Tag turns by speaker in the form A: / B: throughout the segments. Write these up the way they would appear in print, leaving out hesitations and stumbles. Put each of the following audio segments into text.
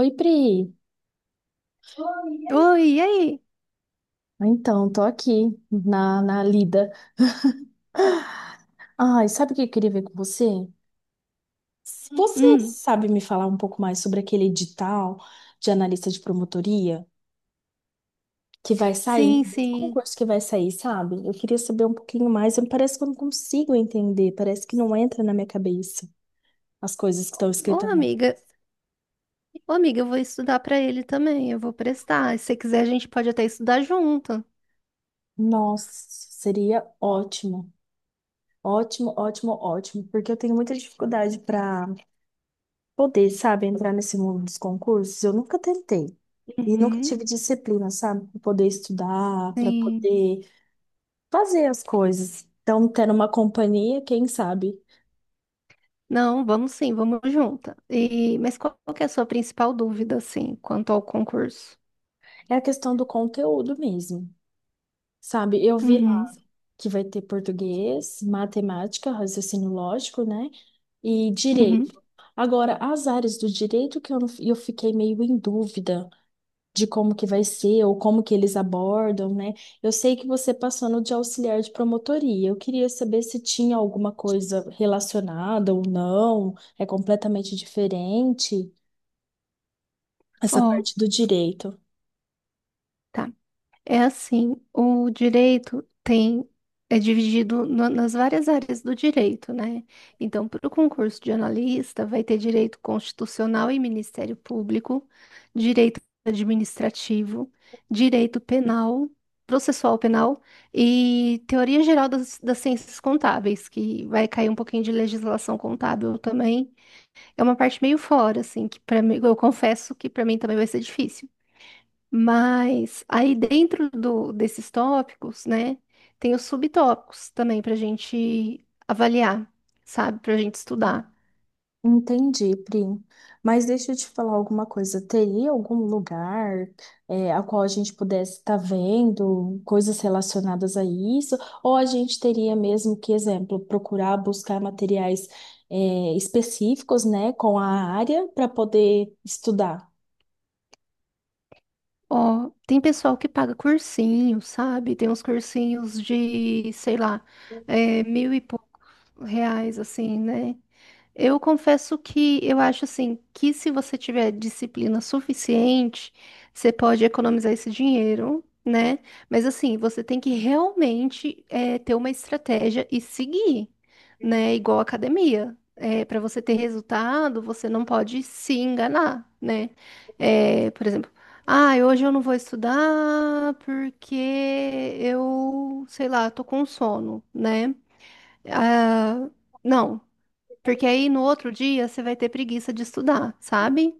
A: Oi, Pri. Oi.
B: Oi, e aí?
A: Então, tô aqui na lida. Ai, sabe o que eu queria ver com você? Se você
B: Hum,
A: sabe me falar um pouco mais sobre aquele edital de analista de promotoria que vai sair,
B: sim,
A: esse
B: sim.
A: concurso que vai sair, sabe? Eu queria saber um pouquinho mais, parece que eu não consigo entender, parece que não entra na minha cabeça as coisas que estão
B: Ô,
A: escritas lá.
B: amiga, ô, amiga, eu vou estudar pra ele também, eu vou prestar. Se você quiser, a gente pode até estudar junto.
A: Nossa, seria ótimo. Ótimo, ótimo, ótimo, porque eu tenho muita dificuldade para poder, sabe, entrar nesse mundo dos concursos, eu nunca tentei. E nunca
B: Uhum,
A: tive disciplina, sabe, para poder estudar, para
B: sim.
A: poder fazer as coisas. Então, tendo uma companhia, quem sabe?
B: Não, vamos sim, vamos junta. E, mas qual que é a sua principal dúvida, assim, quanto ao concurso?
A: É a questão do conteúdo mesmo, sabe? Eu vi
B: Uhum,
A: lá que vai ter português, matemática, raciocínio lógico, né? E
B: uhum.
A: direito. Agora, as áreas do direito que eu, não- eu fiquei meio em dúvida de como que vai ser ou como que eles abordam, né? Eu sei que você passou no de auxiliar de promotoria. Eu queria saber se tinha alguma coisa relacionada ou não. É completamente diferente essa
B: Ó,
A: parte do direito.
B: tá. É assim, o direito tem é dividido nas várias áreas do direito, né? Então, para o concurso de analista, vai ter direito constitucional e Ministério Público, direito administrativo, direito penal, processual penal e teoria geral das ciências contábeis, que vai cair um pouquinho de legislação contábil também. É uma parte meio fora, assim, que para mim, eu confesso que para mim também vai ser difícil. Mas aí dentro desses tópicos, né, tem os subtópicos também para a gente avaliar, sabe, para a gente estudar.
A: Entendi, Pri. Mas deixa eu te falar alguma coisa. Teria algum lugar, a qual a gente pudesse estar vendo coisas relacionadas a isso? Ou a gente teria mesmo que, exemplo, procurar buscar materiais, específicos, né, com a área para poder estudar?
B: Ó, tem pessoal que paga cursinho, sabe? Tem uns cursinhos de, sei lá, é, mil e poucos reais, assim, né? Eu confesso que eu acho assim que se você tiver disciplina suficiente, você pode economizar esse dinheiro, né? Mas assim, você tem que realmente ter uma estratégia e seguir, né? Igual a academia. Para você ter resultado, você não pode se enganar, né? Por exemplo, ah, hoje eu não vou estudar porque eu, sei lá, tô com sono, né? Ah, não. Porque aí no outro dia você vai ter preguiça de estudar, sabe?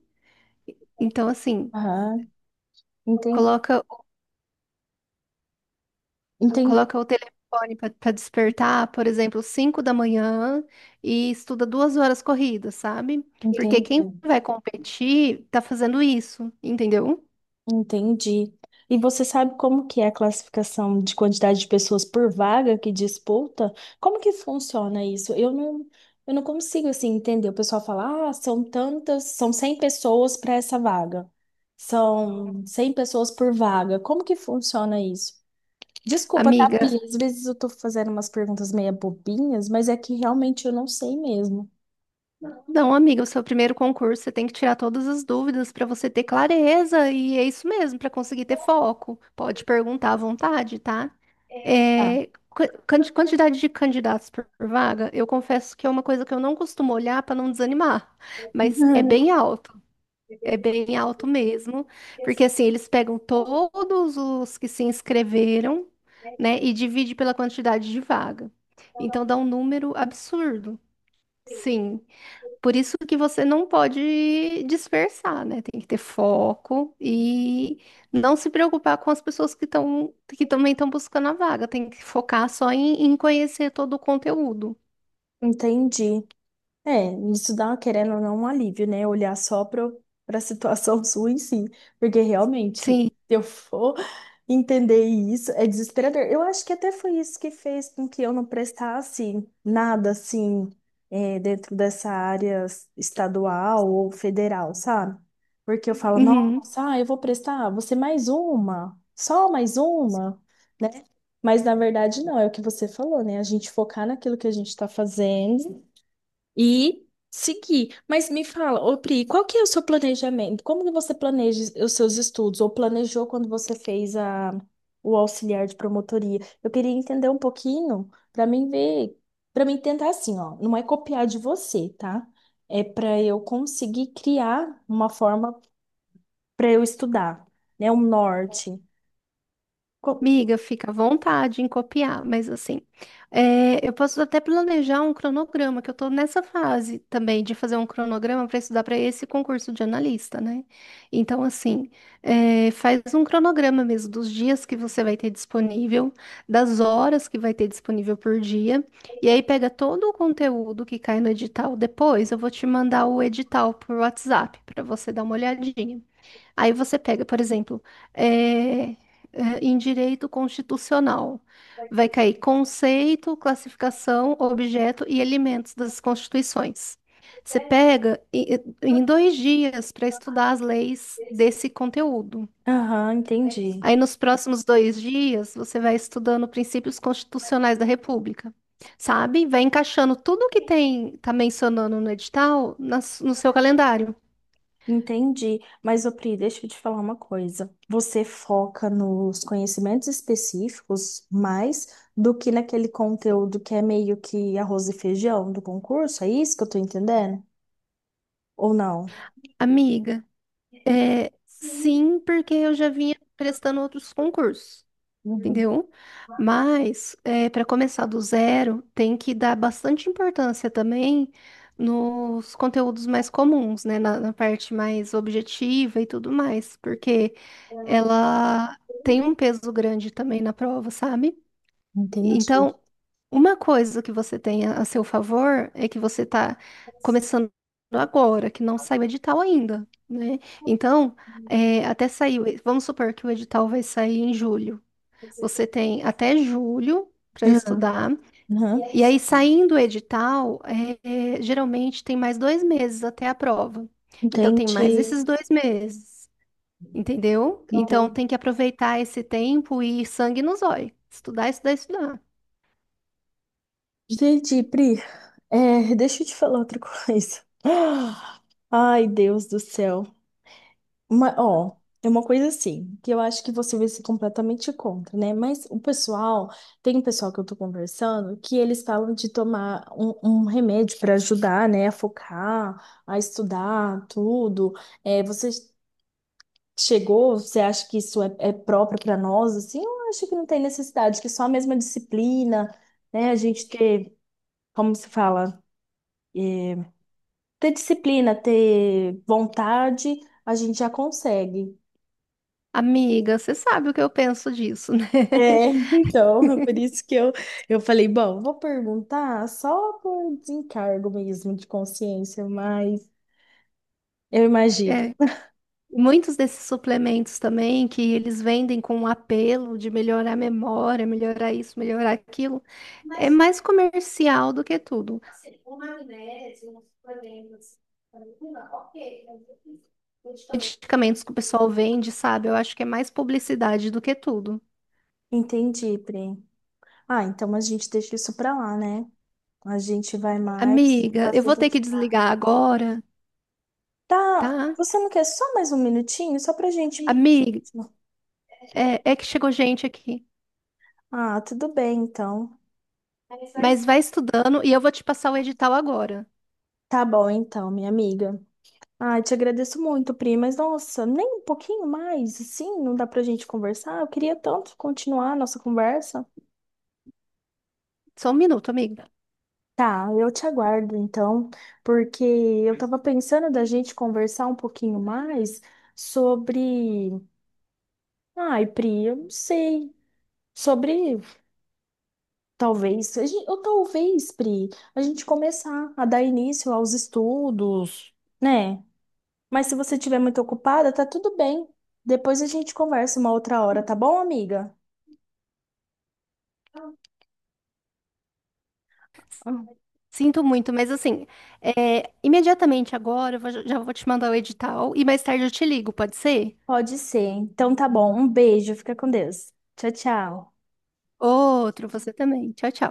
B: Então, assim,
A: Aham, enten-
B: coloca,
A: enten-
B: coloca o telefone para despertar, por exemplo, 5 da manhã e estuda 2 horas corridas, sabe? Porque quem
A: entendo.
B: vai competir tá fazendo isso, entendeu?
A: Entendi. E você sabe como que é a classificação de quantidade de pessoas por vaga que disputa? Como que funciona isso? Eu não consigo assim entender. O pessoal fala, ah, são tantas, são cem pessoas para essa vaga. São 100 pessoas por vaga. Como que funciona isso? Desculpa, tá, Pri?
B: Amiga,
A: Às vezes eu tô fazendo umas perguntas meio bobinhas, mas é que realmente eu não sei mesmo.
B: não, amiga, o seu primeiro concurso, você tem que tirar todas as dúvidas para você ter clareza, e é isso mesmo, para conseguir ter foco. Pode perguntar à vontade, tá?
A: Tá.
B: É, quantidade de candidatos por vaga, eu confesso que é uma coisa que eu não costumo olhar para não desanimar, mas é bem alto mesmo, porque assim, eles pegam todos os que se inscreveram, né, e divide pela quantidade de vaga. Então dá um número absurdo. Sim. Por isso que você não pode dispersar, né? Tem que ter foco e não se preocupar com as pessoas que também estão buscando a vaga. Tem que focar só em conhecer todo o conteúdo.
A: Entendi. É, isso dá, querendo ou não, um alívio, né? Olhar só para a situação sua em si. Porque realmente, se
B: Sim.
A: eu for entender isso, é desesperador. Eu acho que até foi isso que fez com que eu não prestasse nada assim, é, dentro dessa área estadual ou federal, sabe? Porque eu falo,
B: Uhum.
A: nossa, ah, eu vou prestar, vou ser mais uma, só mais uma, né? Mas na verdade, não, é o que você falou, né? A gente focar naquilo que a gente está fazendo e seguir. Mas me fala, ô Pri, qual que é o seu planejamento? Como que você planeja os seus estudos? Ou planejou quando você fez o auxiliar de promotoria? Eu queria entender um pouquinho para mim ver, para mim tentar assim, ó, não é copiar de você, tá? É para eu conseguir criar uma forma para eu estudar, né? Um norte. Co-
B: Miga, fica à vontade em copiar, mas assim, é, eu posso até planejar um cronograma, que eu tô nessa fase também de fazer um cronograma para estudar para esse concurso de analista, né? Então, assim, é, faz um cronograma mesmo dos dias que você vai ter disponível, das horas que vai ter disponível por dia, e aí pega todo o conteúdo que cai no edital. Depois eu vou te mandar o edital por WhatsApp para você dar uma olhadinha. Aí você pega, por exemplo, eh, em direito constitucional, vai cair conceito, classificação, objeto e elementos das constituições. Você pega em 2 dias para estudar as leis desse conteúdo.
A: Aham, entendi.
B: Aí, nos próximos 2 dias, você vai estudando princípios constitucionais da República, sabe? Vai encaixando tudo o que tem, tá mencionando no edital no seu calendário.
A: Entendi. Mas, ô Pri, deixa eu te falar uma coisa. Você foca nos conhecimentos específicos mais do que naquele conteúdo que é meio que arroz e feijão do concurso? É isso que eu tô entendendo? Ou não?
B: Amiga. É,
A: Sim.
B: sim, porque eu já vinha prestando outros concursos,
A: Uhum.
B: entendeu? Mas, para começar do zero, tem que dar bastante importância também nos conteúdos mais comuns, né? Na, na parte mais objetiva e tudo mais, porque ela tem um peso grande também na prova, sabe?
A: Entendi.
B: Então, uma coisa que você tem a seu favor é que você está começando agora, que não saiu o edital ainda, né? Então, é, até sair, o vamos supor que o edital vai sair em julho. Você tem até julho para estudar,
A: Uhum.
B: e aí saindo o edital, é, é, geralmente tem mais 2 meses até a prova. Então, tem mais
A: Entendi.
B: esses 2 meses, entendeu? Então,
A: Entendi.
B: tem que aproveitar esse tempo e sangue nos olhos, estudar, estudar, estudar.
A: Entendi, Pri. É, deixa eu te falar outra coisa. Ai, Deus do céu. Uma, ó, é uma coisa assim, que eu acho que você vai ser completamente contra, né? Mas o pessoal, tem um pessoal que eu tô conversando, que eles falam de tomar um remédio para ajudar, né, a focar, a estudar, tudo. É, você chegou, você acha que isso é próprio para nós, assim? Eu acho que não tem necessidade, que é só a mesma disciplina, né? A gente ter, como se fala, ter disciplina, ter vontade, a gente já consegue.
B: Amiga, você sabe o que eu penso disso, né?
A: É, então, por isso que eu falei, bom, vou perguntar só por desencargo mesmo de consciência, mas eu imagino.
B: É, muitos desses suplementos também que eles vendem com um apelo de melhorar a memória, melhorar isso, melhorar aquilo, é mais comercial do que tudo. Medicamentos que o pessoal vende, sabe? Eu acho que é mais publicidade do que tudo.
A: Entendi, Pri. Ah, então a gente deixa isso pra lá, né? A gente vai mais
B: Amiga, eu vou
A: fazendo.
B: ter que desligar agora,
A: Tá,
B: tá?
A: você não quer só mais um minutinho? Só pra gente.
B: Amiga, é, é que chegou gente aqui.
A: Ah, tudo bem, então.
B: Mas vai estudando e eu vou te passar o edital agora.
A: Tá bom, então, minha amiga. Ah, te agradeço muito, Pri, mas nossa, nem um pouquinho mais, assim, não dá pra gente conversar? Eu queria tanto continuar a nossa conversa.
B: Só um minuto, amiga.
A: Tá, eu te aguardo então, porque eu tava pensando da gente conversar um pouquinho mais sobre. Ai, Pri, eu não sei. Sobre. Talvez. Ou talvez, Pri, a gente começar a dar início aos estudos, né? Mas se você estiver muito ocupada, tá tudo bem. Depois a gente conversa uma outra hora, tá bom, amiga? Ah,
B: Sinto muito, mas assim, é, imediatamente agora já vou te mandar o edital e mais tarde eu te ligo, pode ser?
A: pode ser. Então tá bom. Um beijo, fica com Deus. Tchau, tchau.
B: Outro, você também. Tchau, tchau.